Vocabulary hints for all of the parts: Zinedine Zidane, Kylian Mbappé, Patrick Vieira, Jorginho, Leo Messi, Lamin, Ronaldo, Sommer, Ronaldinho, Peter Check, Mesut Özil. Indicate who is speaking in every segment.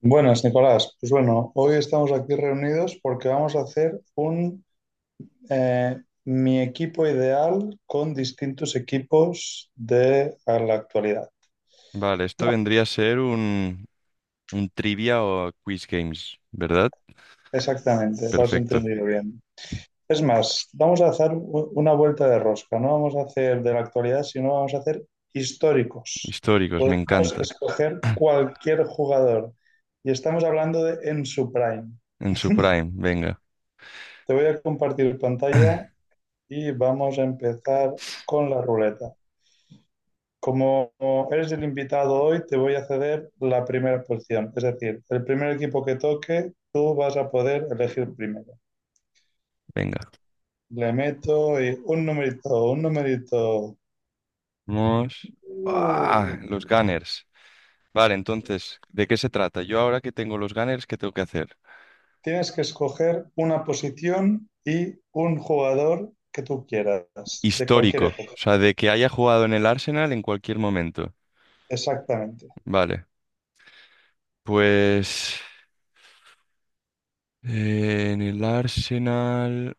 Speaker 1: Buenas, Nicolás. Pues bueno, hoy estamos aquí reunidos porque vamos a hacer un eh, mi equipo ideal con distintos equipos de a la actualidad.
Speaker 2: Vale, esto
Speaker 1: No,
Speaker 2: vendría a ser un trivia o quiz games, ¿verdad?
Speaker 1: exactamente, lo has
Speaker 2: Perfecto.
Speaker 1: entendido bien. Es más, vamos a hacer una vuelta de rosca. No vamos a hacer de la actualidad, sino vamos a hacer históricos.
Speaker 2: Históricos, me
Speaker 1: Podemos
Speaker 2: encanta.
Speaker 1: escoger cualquier jugador y estamos hablando de en su prime.
Speaker 2: En su prime, venga.
Speaker 1: Te voy a compartir pantalla y vamos a empezar con la ruleta. Como eres el invitado hoy, te voy a ceder la primera posición. Es decir, el primer equipo que toque, tú vas a poder elegir primero.
Speaker 2: Venga.
Speaker 1: Le meto y un numerito, un numerito.
Speaker 2: Vamos. ¡Ah!
Speaker 1: Uh,
Speaker 2: Los gunners. Vale, entonces, ¿de qué se trata? Yo ahora que tengo los gunners, ¿qué tengo que hacer?
Speaker 1: tienes que escoger una posición y un jugador que tú quieras, de cualquier
Speaker 2: Histórico, o
Speaker 1: época.
Speaker 2: sea, de que haya jugado en el Arsenal en cualquier momento.
Speaker 1: Exactamente.
Speaker 2: Vale, pues en el Arsenal.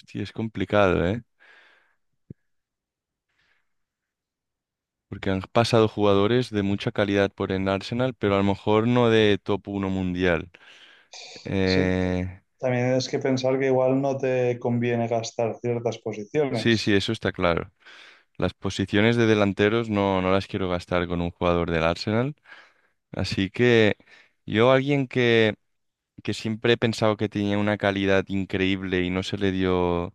Speaker 2: Hostia, es complicado, ¿eh? Porque han pasado jugadores de mucha calidad por el Arsenal, pero a lo mejor no de top uno mundial.
Speaker 1: Sí.
Speaker 2: Eh,
Speaker 1: También tienes que pensar que igual no te conviene gastar ciertas
Speaker 2: sí, sí,
Speaker 1: posiciones.
Speaker 2: eso está claro. Las posiciones de delanteros no, no las quiero gastar con un jugador del Arsenal. Así que yo, alguien que siempre he pensado que tenía una calidad increíble y no se le dio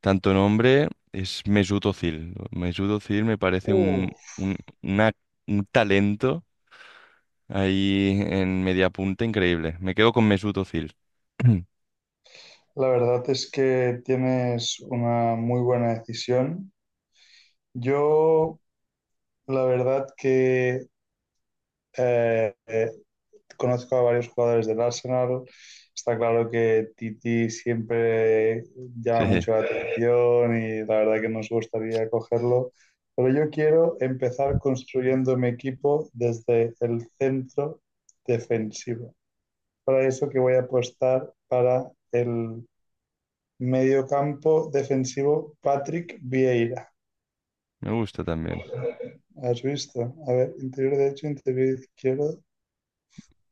Speaker 2: tanto nombre, es Mesut Özil. Mesut Özil me parece un,
Speaker 1: Uh,
Speaker 2: un, una- un talento ahí en media punta, increíble. Me quedo con Mesut Özil.
Speaker 1: La verdad es que tienes una muy buena decisión. Yo, la verdad que eh, eh, conozco a varios jugadores del Arsenal. Está claro que Titi siempre
Speaker 2: Sí,
Speaker 1: llama mucho la atención y la verdad que nos gustaría cogerlo. Pero yo quiero empezar construyendo mi equipo desde el centro defensivo. Para eso que voy a apostar para el mediocampo defensivo, Patrick Vieira.
Speaker 2: me gusta también.
Speaker 1: ¿Has visto? A ver, interior derecho, interior izquierdo.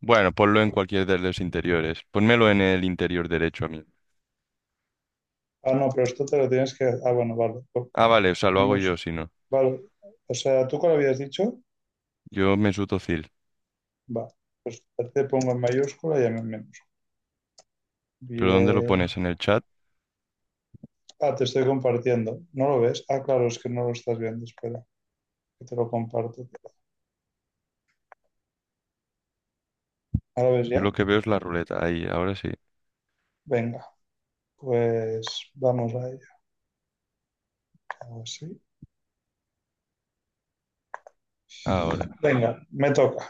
Speaker 2: Bueno, ponlo en cualquier de los interiores. Pónmelo en el interior derecho a mí.
Speaker 1: Ah, no, pero esto te lo tienes que. Ah, bueno, vale. Lo
Speaker 2: Ah, vale, o sea, lo hago
Speaker 1: ponemos.
Speaker 2: yo si no.
Speaker 1: Vale. O sea, ¿tú cuál habías dicho?
Speaker 2: Yo Mesut Özil.
Speaker 1: Va. Pues te pongo en mayúscula y en menos.
Speaker 2: ¿Pero dónde lo
Speaker 1: Bien.
Speaker 2: pones? ¿En el chat?
Speaker 1: Ah, te estoy compartiendo. ¿No lo ves? Ah, claro, es que no lo estás viendo. Espera, que te lo comparto. ¿Ahora ves
Speaker 2: Yo lo
Speaker 1: ya?
Speaker 2: que veo es la ruleta. Ahí, ahora sí.
Speaker 1: Venga, pues vamos a ello. Así.
Speaker 2: Ahora.
Speaker 1: Venga, me toca.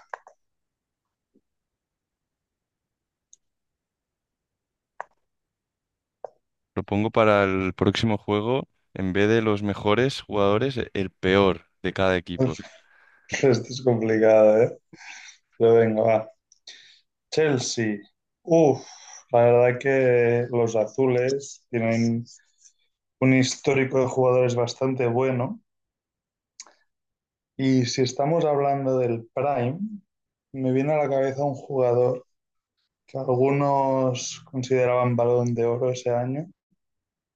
Speaker 2: Lo pongo para el próximo juego. En vez de los mejores jugadores, el peor de cada equipo.
Speaker 1: Esto es complicado, ¿eh? Pero venga, va. Chelsea. Uf, la verdad que los azules tienen un histórico de jugadores bastante bueno. Y si estamos hablando del prime, me viene a la cabeza un jugador que algunos consideraban balón de oro ese año,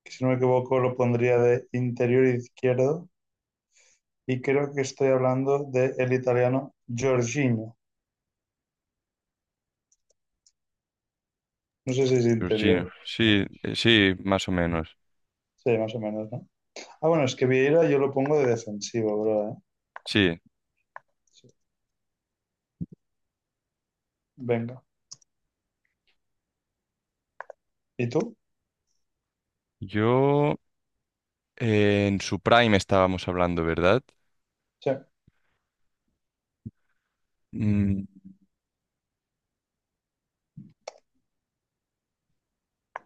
Speaker 1: que si no me equivoco lo pondría de interior izquierdo. Y creo que estoy hablando del italiano Jorginho. No sé si es interior.
Speaker 2: Georgina, sí, sí, más o menos.
Speaker 1: Sí, más o menos, ¿no? Ah, bueno, es que Vieira yo lo pongo de defensivo, ¿verdad?
Speaker 2: Sí,
Speaker 1: Sí. Venga. ¿Y tú?
Speaker 2: yo en su prime estábamos hablando, ¿verdad?
Speaker 1: Check.
Speaker 2: Mm,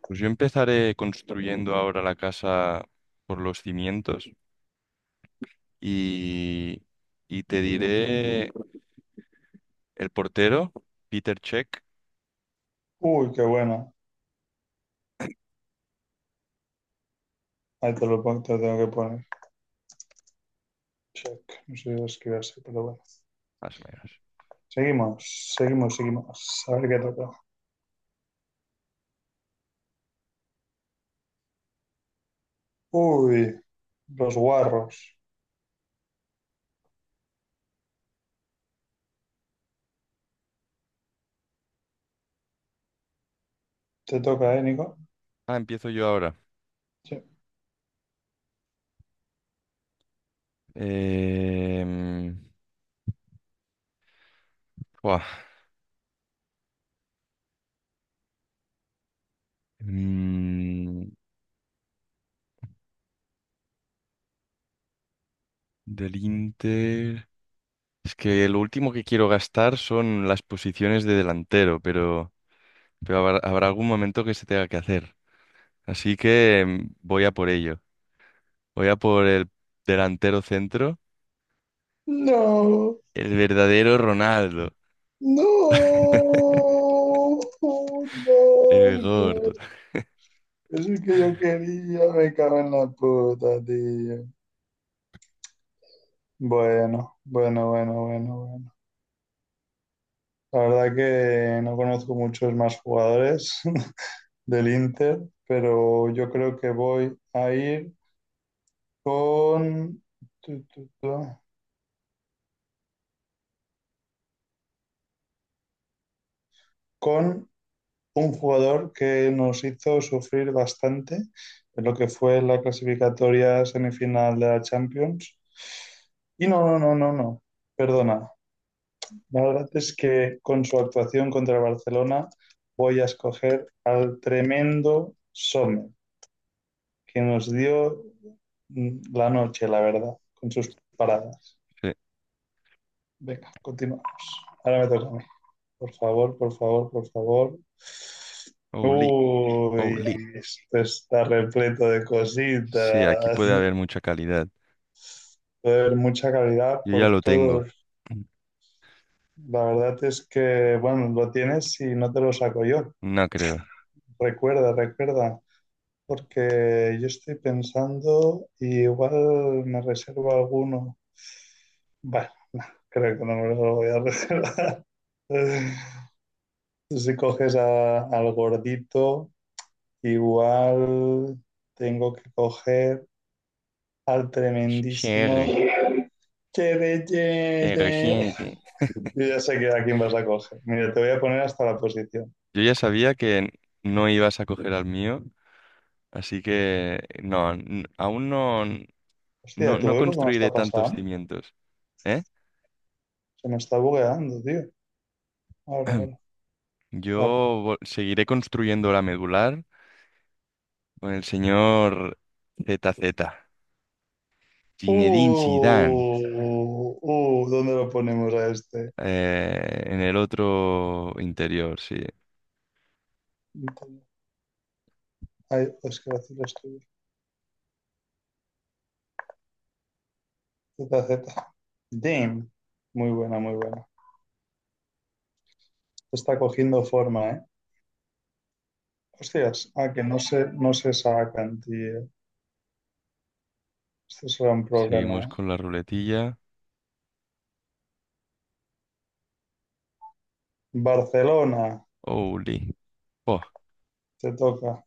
Speaker 2: pues yo empezaré construyendo ahora la casa por los cimientos y, y te diré el portero, Peter Check,
Speaker 1: Uy, qué buena. Ahí te lo te lo tengo que poner. Check. No sé si lo así, pero bueno.
Speaker 2: más o menos.
Speaker 1: Seguimos, seguimos, seguimos. A ver qué toca. Uy, los guarros. Te toca, ¿eh, Nico?
Speaker 2: Ah, empiezo yo ahora.
Speaker 1: Sí.
Speaker 2: Em, Buah. Mm, Del Inter. Es que lo último que quiero gastar son las posiciones de delantero, pero habrá algún momento que se tenga que hacer. Así que voy a por ello. Voy a por el delantero centro,
Speaker 1: No,
Speaker 2: el verdadero Ronaldo,
Speaker 1: no, no,
Speaker 2: el
Speaker 1: no.
Speaker 2: gordo.
Speaker 1: Es el que yo quería, me cago en la puta, tío. Bueno, bueno, bueno, bueno, bueno. La verdad que no conozco muchos más jugadores. Del Inter, pero yo creo que voy a ir con, tu, tu, tu, con un jugador que nos hizo sufrir bastante en lo que fue la clasificatoria semifinal de la Champions. Y no, no, no, no, no, perdona. La verdad es que con su actuación contra el Barcelona voy a escoger al tremendo Sommer, que nos dio la noche, la verdad, con sus paradas.
Speaker 2: Sí.
Speaker 1: Venga, continuamos. Ahora me toca a mí. Por favor, por favor, por favor.
Speaker 2: Oli,
Speaker 1: Uy,
Speaker 2: Oli.
Speaker 1: esto está repleto de
Speaker 2: Sí, aquí
Speaker 1: cositas.
Speaker 2: puede haber mucha calidad.
Speaker 1: Joder, mucha calidad
Speaker 2: Yo ya
Speaker 1: por
Speaker 2: lo tengo.
Speaker 1: todos. La verdad es que, bueno, lo tienes y no te lo saco yo.
Speaker 2: No creo.
Speaker 1: Recuerda, recuerda, porque yo estoy pensando y igual me reservo alguno. Bueno, creo que no me lo voy a reservar. Si coges al gordito, igual tengo que coger al tremendísimo.
Speaker 2: Cierre,
Speaker 1: Chede,
Speaker 2: cierre,
Speaker 1: chede.
Speaker 2: siete.
Speaker 1: Yo ya sé que a quién vas a coger. Mira, te voy a poner hasta la posición.
Speaker 2: Yo ya sabía que no ibas a coger al mío. Así que no, aún no, no,
Speaker 1: Hostia, ¿tú
Speaker 2: no
Speaker 1: ves lo que me
Speaker 2: construiré
Speaker 1: está
Speaker 2: tantos
Speaker 1: pasando?
Speaker 2: cimientos, ¿eh?
Speaker 1: Se me está bugueando, tío. Ahora, ahora,
Speaker 2: Yo
Speaker 1: ahora.
Speaker 2: seguiré construyendo la medular con el señor Z Z Zinedine Zidane,
Speaker 1: ¿Dónde lo ponemos a este?
Speaker 2: en el otro interior, sí.
Speaker 1: Ay, es que vacilo estoy Z, Z. Damn. Muy buena, muy buena. Está cogiendo forma, ¿eh? Hostias, ah, que no se, no se sacan, tío. Esto será un
Speaker 2: Seguimos
Speaker 1: problema.
Speaker 2: con la ruletilla.
Speaker 1: Barcelona,
Speaker 2: Holy. Oh.
Speaker 1: te toca.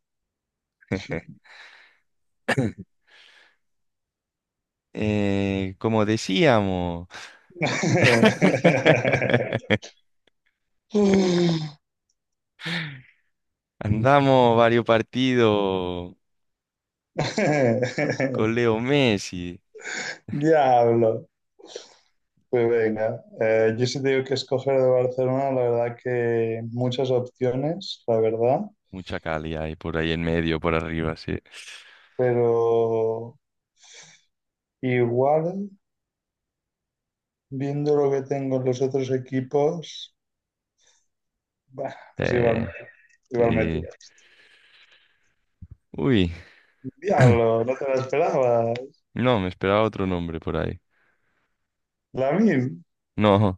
Speaker 2: Como decíamos, andamos varios partidos con Leo Messi.
Speaker 1: Diablo. Pues venga, yo sí te digo que escoger de Barcelona, la verdad que muchas opciones, la verdad,
Speaker 2: Mucha Cali hay por ahí en medio, por arriba, sí.
Speaker 1: pero igual, viendo lo que tengo en los otros equipos, bah,
Speaker 2: Eh,
Speaker 1: igual me
Speaker 2: sí.
Speaker 1: tiro.
Speaker 2: Uy,
Speaker 1: Diablo, no te la esperaba.
Speaker 2: no, me esperaba otro nombre por ahí.
Speaker 1: Lamin.
Speaker 2: No,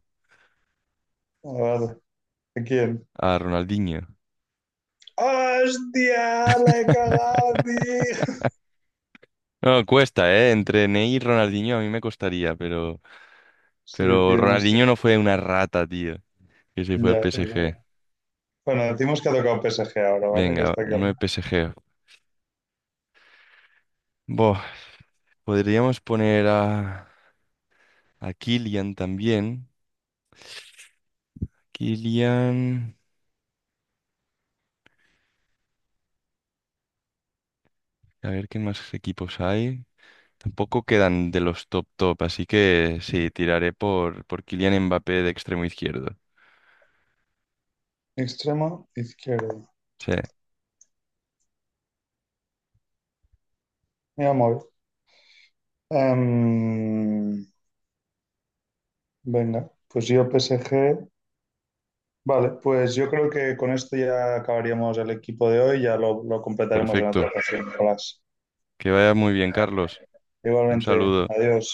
Speaker 1: Ah, vale. ¿A quién?
Speaker 2: a Ronaldinho.
Speaker 1: ¡Hostia! ¡La he cagado, tío!
Speaker 2: No, cuesta, ¿eh? Entre Ney y Ronaldinho a mí me costaría, pero,
Speaker 1: Sí,
Speaker 2: pero
Speaker 1: tío, no
Speaker 2: Ronaldinho
Speaker 1: sé.
Speaker 2: no fue una rata, tío. Que sí fue el
Speaker 1: Ya, eso es verdad.
Speaker 2: PSG.
Speaker 1: Bueno, decimos que ha tocado PSG ahora, ¿vale? Que
Speaker 2: Venga,
Speaker 1: está aquí
Speaker 2: uno de
Speaker 1: arriba.
Speaker 2: PSG. Boh, podríamos poner a Kylian también. Kylian. A ver qué más equipos hay. Tampoco quedan de los top top, así que sí, tiraré por Kylian Mbappé de extremo izquierdo.
Speaker 1: Extremo izquierdo.
Speaker 2: Sí,
Speaker 1: Mira, móvil. Em, venga, pues yo PSG. Vale, pues yo creo que con esto ya acabaríamos el equipo de hoy. Ya lo completaremos en otra
Speaker 2: perfecto.
Speaker 1: ocasión, Nicolás.
Speaker 2: Que vaya muy bien, Carlos. Un
Speaker 1: Igualmente,
Speaker 2: saludo.
Speaker 1: adiós.